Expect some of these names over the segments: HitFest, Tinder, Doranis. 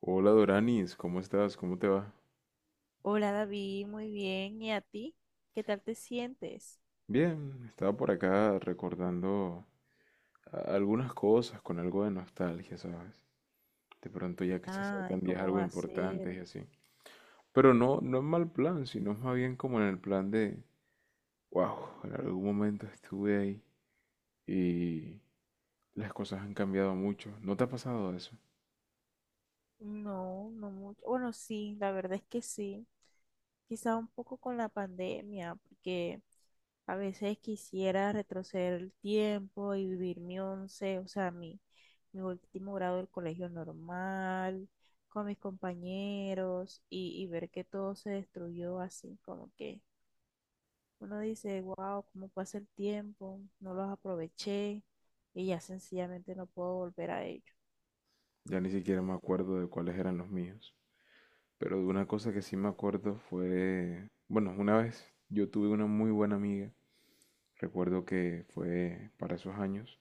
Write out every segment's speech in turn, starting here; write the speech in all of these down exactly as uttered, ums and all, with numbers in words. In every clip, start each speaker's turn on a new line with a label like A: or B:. A: Hola Doranis, ¿cómo estás? ¿Cómo te va?
B: Hola David, muy bien. ¿Y a ti? ¿Qué tal te sientes?
A: Bien, estaba por acá recordando a- algunas cosas con algo de nostalgia, ¿sabes? De pronto ya que se
B: Ay,
A: acercan días
B: ¿cómo
A: algo
B: va a ser?
A: importantes y así. Pero no, no en mal plan, sino más bien como en el plan de, wow, en algún momento estuve ahí y las cosas han cambiado mucho. ¿No te ha pasado eso?
B: No, no mucho. Bueno, sí, la verdad es que sí. Quizá un poco con la pandemia, porque a veces quisiera retroceder el tiempo y vivir mi once, o sea, mi, mi último grado del colegio normal, con mis compañeros y, y ver que todo se destruyó así, como que uno dice, wow, cómo pasa el tiempo, no los aproveché y ya sencillamente no puedo volver a ellos.
A: Ya ni siquiera me acuerdo de cuáles eran los míos. Pero de una cosa que sí me acuerdo fue, bueno, una vez yo tuve una muy buena amiga. Recuerdo que fue para esos años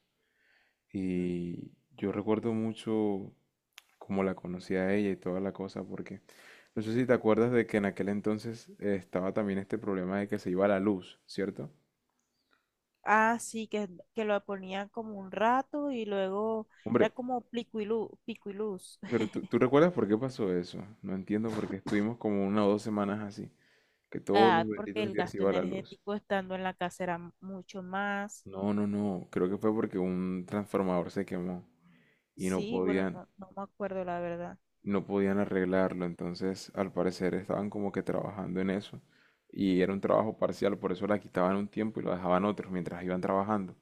B: Ujú.
A: y yo recuerdo mucho cómo la conocí a ella y toda la cosa, porque no sé si te acuerdas de que en aquel entonces eh, estaba también este problema de que se iba la luz, ¿cierto?
B: Ah, sí, que, que lo ponían como un rato y luego era
A: Hombre,
B: como pico y luz, pico y luz.
A: pero tú, tú recuerdas por qué pasó eso. No entiendo por qué estuvimos como una o dos semanas así, que todos los
B: Ah, porque
A: benditos
B: el
A: días se
B: gasto
A: iba la luz.
B: energético estando en la casa era m- mucho más.
A: No, no, no, creo que fue porque un transformador se quemó y no
B: Sí, bueno,
A: podían,
B: no, no me acuerdo la verdad.
A: no podían arreglarlo. Entonces al parecer estaban como que trabajando en eso y era un trabajo parcial, por eso la quitaban un tiempo y lo dejaban otros mientras iban trabajando.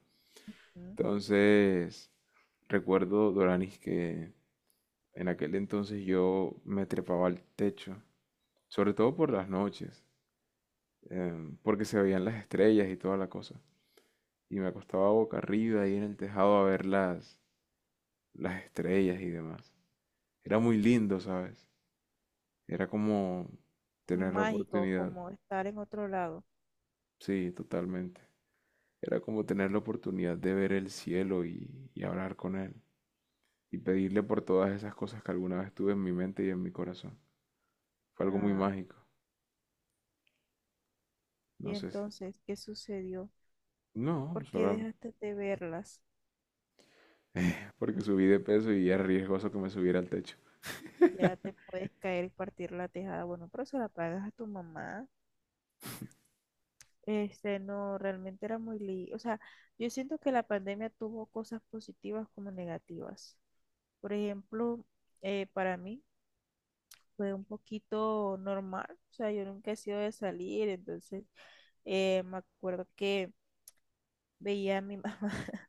B: Ujú.
A: Entonces, recuerdo, Doranis, que en aquel entonces yo me trepaba al techo, sobre todo por las noches, em, porque se veían las estrellas y toda la cosa. Y me acostaba boca arriba ahí en el tejado a ver las, las estrellas y demás. Era muy lindo, ¿sabes? Era como tener la
B: Mágico,
A: oportunidad.
B: como estar en otro lado.
A: Sí, totalmente. Era como tener la oportunidad de ver el cielo y, y hablar con él y pedirle por todas esas cosas que alguna vez tuve en mi mente y en mi corazón. Fue algo muy
B: Ah,
A: mágico.
B: y
A: No sé si...
B: entonces, ¿qué sucedió?
A: No,
B: ¿Por qué
A: solo
B: dejaste de verlas?
A: porque subí de peso y era riesgoso que me subiera al techo.
B: Ya te puedes caer y partir la tejada. Bueno, pero se la pagas a tu mamá. Este, no, realmente era muy li- o sea, yo siento que la pandemia tuvo cosas positivas como negativas. Por ejemplo, eh, para mí fue un poquito normal. O sea, yo nunca he sido de salir, entonces eh, me acuerdo que veía a mi mamá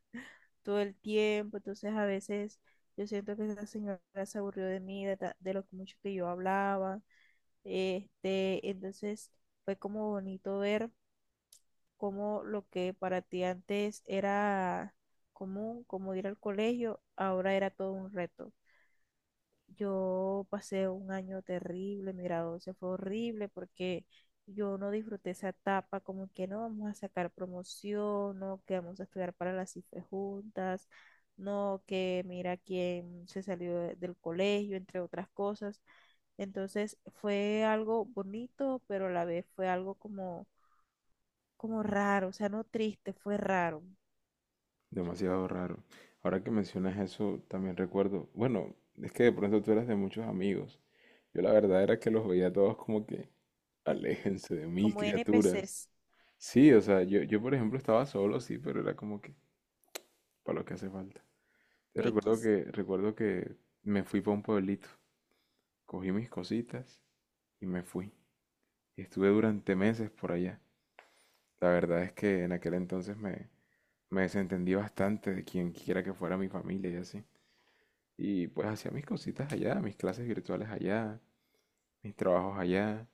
B: todo el tiempo, entonces a veces yo siento que esa señora se aburrió de mí, de, ta- de lo mucho que yo hablaba. Este, entonces fue como bonito ver cómo lo que para ti antes era común, como ir al colegio, ahora era todo un reto. Yo pasé un año terrible, mi grado doce fue horrible porque yo no disfruté esa etapa, como que no vamos a sacar promoción, no que vamos a estudiar para las cifras juntas, no que mira quién se salió de- del colegio, entre otras cosas. Entonces fue algo bonito, pero a la vez fue algo como, como raro, o sea, no triste, fue raro,
A: Demasiado raro. Ahora que mencionas eso, también recuerdo... Bueno, es que de pronto tú eras de muchos amigos. Yo la verdad era que los veía a todos como que... Aléjense de mí,
B: como N P
A: criaturas.
B: N P Cs
A: Sí, o sea, yo, yo por ejemplo estaba solo, sí, pero era como que... para lo que hace falta. Yo recuerdo
B: X.
A: que, recuerdo que me fui para un pueblito, cogí mis cositas y me fui. Y estuve durante meses por allá. La verdad es que en aquel entonces me, me desentendí bastante de quien quiera que fuera mi familia y así. Y pues hacía mis cositas allá, mis clases virtuales allá, mis trabajos allá.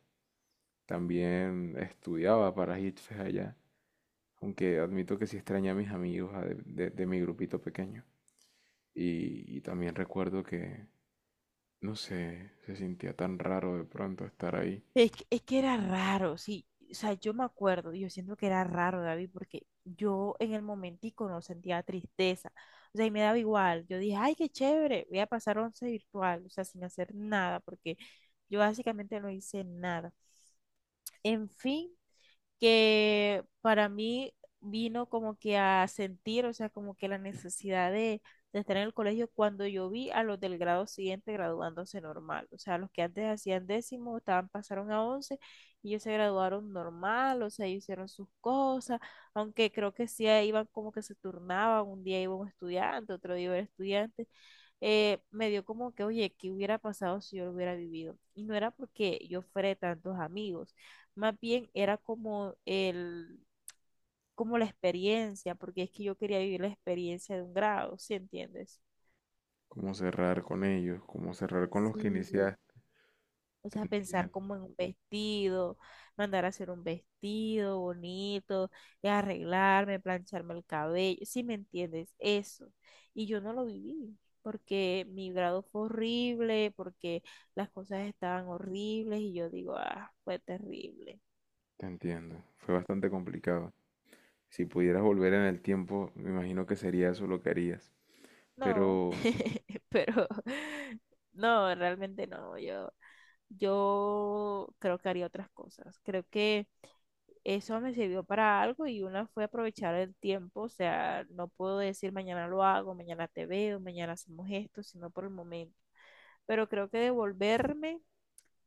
A: También estudiaba para HitFest allá. Aunque admito que sí extrañé a mis amigos a de, de- de mi grupito pequeño. Y, y también recuerdo que, no sé, se sentía tan raro de pronto estar ahí.
B: Es que, es que era raro, sí. O sea, yo me acuerdo, yo siento que era raro, David, porque yo en el momentico no sentía tristeza. O sea, y me daba igual. Yo dije, ay, qué chévere, voy a pasar once virtual, o sea, sin hacer nada, porque yo básicamente no hice nada. En fin, que para mí vino como que a sentir, o sea, como que la necesidad de, de estar en el colegio cuando yo vi a los del grado siguiente graduándose normal, o sea, los que antes hacían décimo, estaban, pasaron a once y ellos se graduaron normal, o sea, ellos hicieron sus cosas, aunque creo que sí eh, iban como que se turnaban, un día iba un estudiante, otro día iba el estudiante. Eh, me dio como que, oye, ¿qué hubiera pasado si yo lo hubiera vivido? Y no era porque yo fuera de tantos amigos, más bien era como el, como la experiencia, porque es que yo quería vivir la experiencia de un grado, ¿sí entiendes?
A: Cómo cerrar con ellos, cómo cerrar con los que
B: Sí,
A: iniciaste.
B: o
A: Te
B: sea, pensar
A: entiendo,
B: como en un vestido, mandar a hacer un vestido bonito, y arreglarme, plancharme el cabello, ¿sí me entiendes? Eso. Y yo no lo viví, porque mi grado fue horrible, porque las cosas estaban horribles y yo digo, ah, fue terrible.
A: te entiendo. Fue bastante complicado. Si pudieras volver en el tiempo, me imagino que sería eso lo que harías.
B: No,
A: Pero,
B: pero no, realmente no. Yo, yo creo que haría otras cosas. Creo que eso me sirvió para algo y una fue aprovechar el tiempo. O sea, no puedo decir mañana lo hago, mañana te veo, mañana hacemos esto, sino por el momento. Pero creo que devolverme,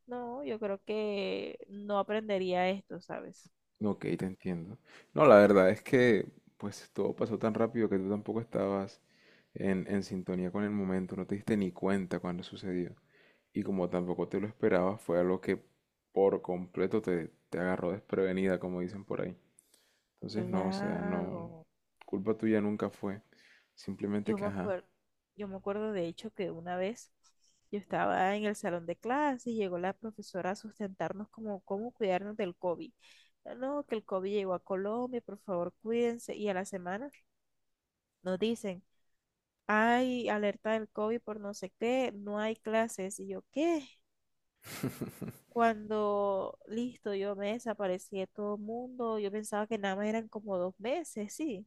B: no, yo creo que no aprendería esto, ¿sabes?
A: ok, te entiendo. No, la verdad es que, pues todo pasó tan rápido que tú tampoco estabas en, en sintonía con el momento, no te diste ni cuenta cuando sucedió. Y como tampoco te lo esperabas, fue algo que por completo te, te agarró desprevenida, como dicen por ahí. Entonces, no, o sea, no,
B: Claro.
A: culpa tuya nunca fue. Simplemente
B: Yo
A: que,
B: me
A: ajá,
B: acuerdo, yo me acuerdo de hecho que una vez yo estaba en el salón de clase y llegó la profesora a sustentarnos como cómo cuidarnos del COVID. "Ah, no, que el COVID llegó a Colombia, por favor, cuídense." Y a la semana nos dicen, hay alerta del COVID por no sé qué, no hay clases. Y yo, ¿qué? Cuando, listo, yo me desaparecí de todo el mundo, yo pensaba que nada más eran como dos meses, sí,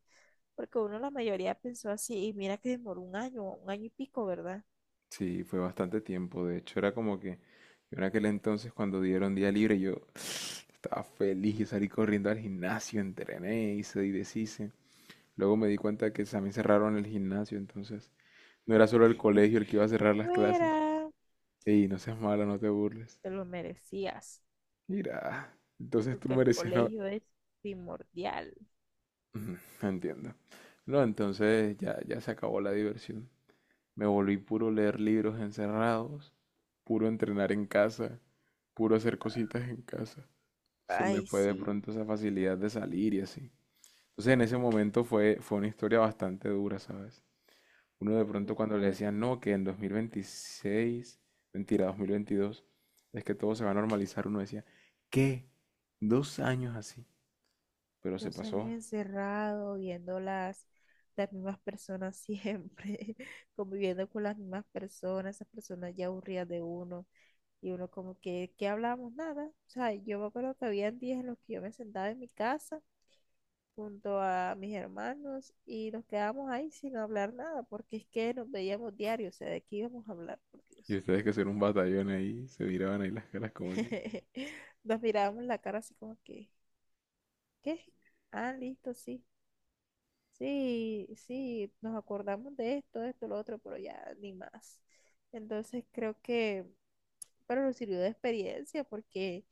B: porque uno, la mayoría pensó así y mira que demoró un año, un año y pico, ¿verdad?
A: sí, fue bastante tiempo. De hecho, era como que yo en aquel entonces cuando dieron día libre, yo estaba feliz, yo salí corriendo al gimnasio, entrené, hice y deshice. Luego me di cuenta que también cerraron el gimnasio, entonces no era solo el colegio el que iba a cerrar las clases.
B: Fuera.
A: Ey, no seas malo, no te burles.
B: Te lo merecías,
A: Mira, entonces tú
B: porque el
A: merecías no.
B: colegio es primordial.
A: Ujú, entiendo. No, entonces ya, ya se acabó la diversión. Me volví puro leer libros encerrados, puro entrenar en casa, puro hacer cositas en casa. Se me
B: Ay,
A: fue de
B: sí.
A: pronto esa facilidad de salir y así. Entonces en ese momento fue, fue una historia bastante dura, ¿sabes? Uno de pronto cuando le
B: Total,
A: decían, no, que en dos mil veintiséis, mentira, dos mil veintidós es que todo se va a normalizar, uno decía, ¿qué? Dos años así. Pero se
B: dos años
A: pasó.
B: encerrado, viendo las, las mismas personas siempre, conviviendo con las mismas personas, esas personas ya aburridas de uno. Y uno como que, ¿qué hablábamos? Nada. O sea, yo me acuerdo que había días en los que yo me sentaba en mi casa junto a mis hermanos y nos quedábamos ahí sin hablar nada, porque es que nos veíamos diario, o sea, ¿de qué íbamos a hablar, por
A: Y
B: Dios?
A: ustedes que ser un batallón ahí, se miraban ahí las caras como que...
B: Nos mirábamos la cara así como que, ¿qué? Ah, listo, sí. Sí, sí, nos acordamos de esto, de esto, lo otro, pero ya ni más. Entonces creo que, pero nos sirvió de experiencia porque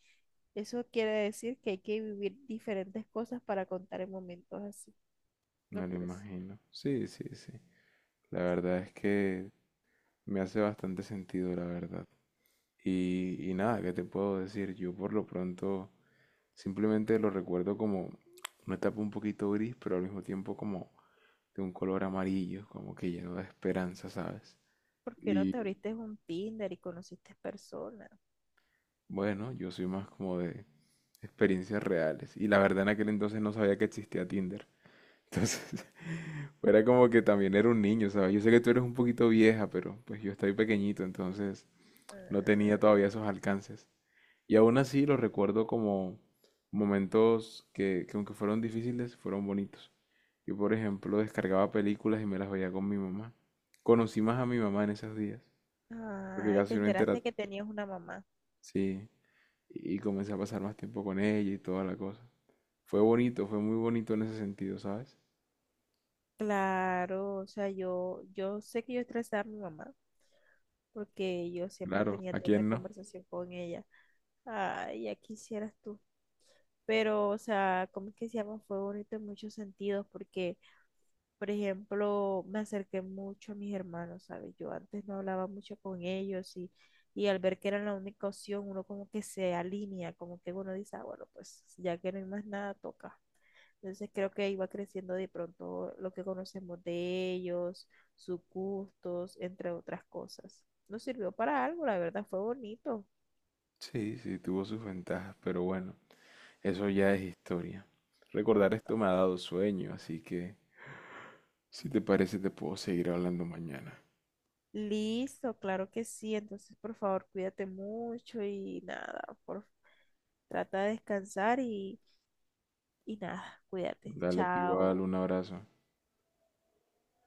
B: eso quiere decir que hay que vivir diferentes cosas para contar en momentos así, ¿no
A: Me lo
B: crees?
A: imagino. Sí, sí, sí. La verdad es que me hace bastante sentido, la verdad. Y, y nada, ¿qué te puedo decir? Yo por lo pronto simplemente lo recuerdo como una etapa un poquito gris, pero al mismo tiempo como de un color amarillo, como que lleno de esperanza, ¿sabes?
B: ¿Por qué no te
A: Y
B: abriste un Tinder y conociste personas?
A: bueno, yo soy más como de experiencias reales. Y la verdad en aquel entonces no sabía que existía Tinder. Entonces, era como que también era un niño, ¿sabes? Yo sé que tú eres un poquito vieja, pero pues yo estoy pequeñito, entonces no tenía todavía esos alcances. Y aún así los recuerdo como momentos que, que aunque fueron difíciles, fueron bonitos. Yo, por ejemplo, descargaba películas y me las veía con mi mamá. Conocí más a mi mamá en esos días,
B: Ah,
A: porque
B: ay, te
A: casi no intera...
B: enteraste que tenías una mamá.
A: Sí, y y comencé a pasar más tiempo con ella y toda la cosa. Fue bonito, fue muy bonito en ese sentido, ¿sabes?
B: Claro, o sea, yo, yo sé que yo estresaba a mi mamá porque yo siempre
A: Claro,
B: tenía
A: ¿a
B: tema de
A: quién no?
B: conversación con ella. Ay, ya quisieras tú. Pero, o sea, como es que se llama? Fue bonito en muchos sentidos porque, por ejemplo, me acerqué mucho a mis hermanos, ¿sabes? Yo antes no hablaba mucho con ellos y, y al ver que era la única opción, uno como que se alinea, como que uno dice, ah, bueno, pues ya que no hay más nada, toca. Entonces creo que iba creciendo de pronto lo que conocemos de ellos, sus gustos, entre otras cosas. Nos sirvió para algo, la verdad fue bonito.
A: Sí, sí, tuvo sus ventajas, pero bueno, eso ya es historia.
B: Todo.
A: Recordar esto me ha dado sueño, así que si te parece te puedo seguir hablando mañana.
B: Listo, claro que sí. Entonces, por favor, cuídate mucho y nada, por, trata de descansar y, y nada, cuídate.
A: Dale, tú igual,
B: Chao.
A: un abrazo.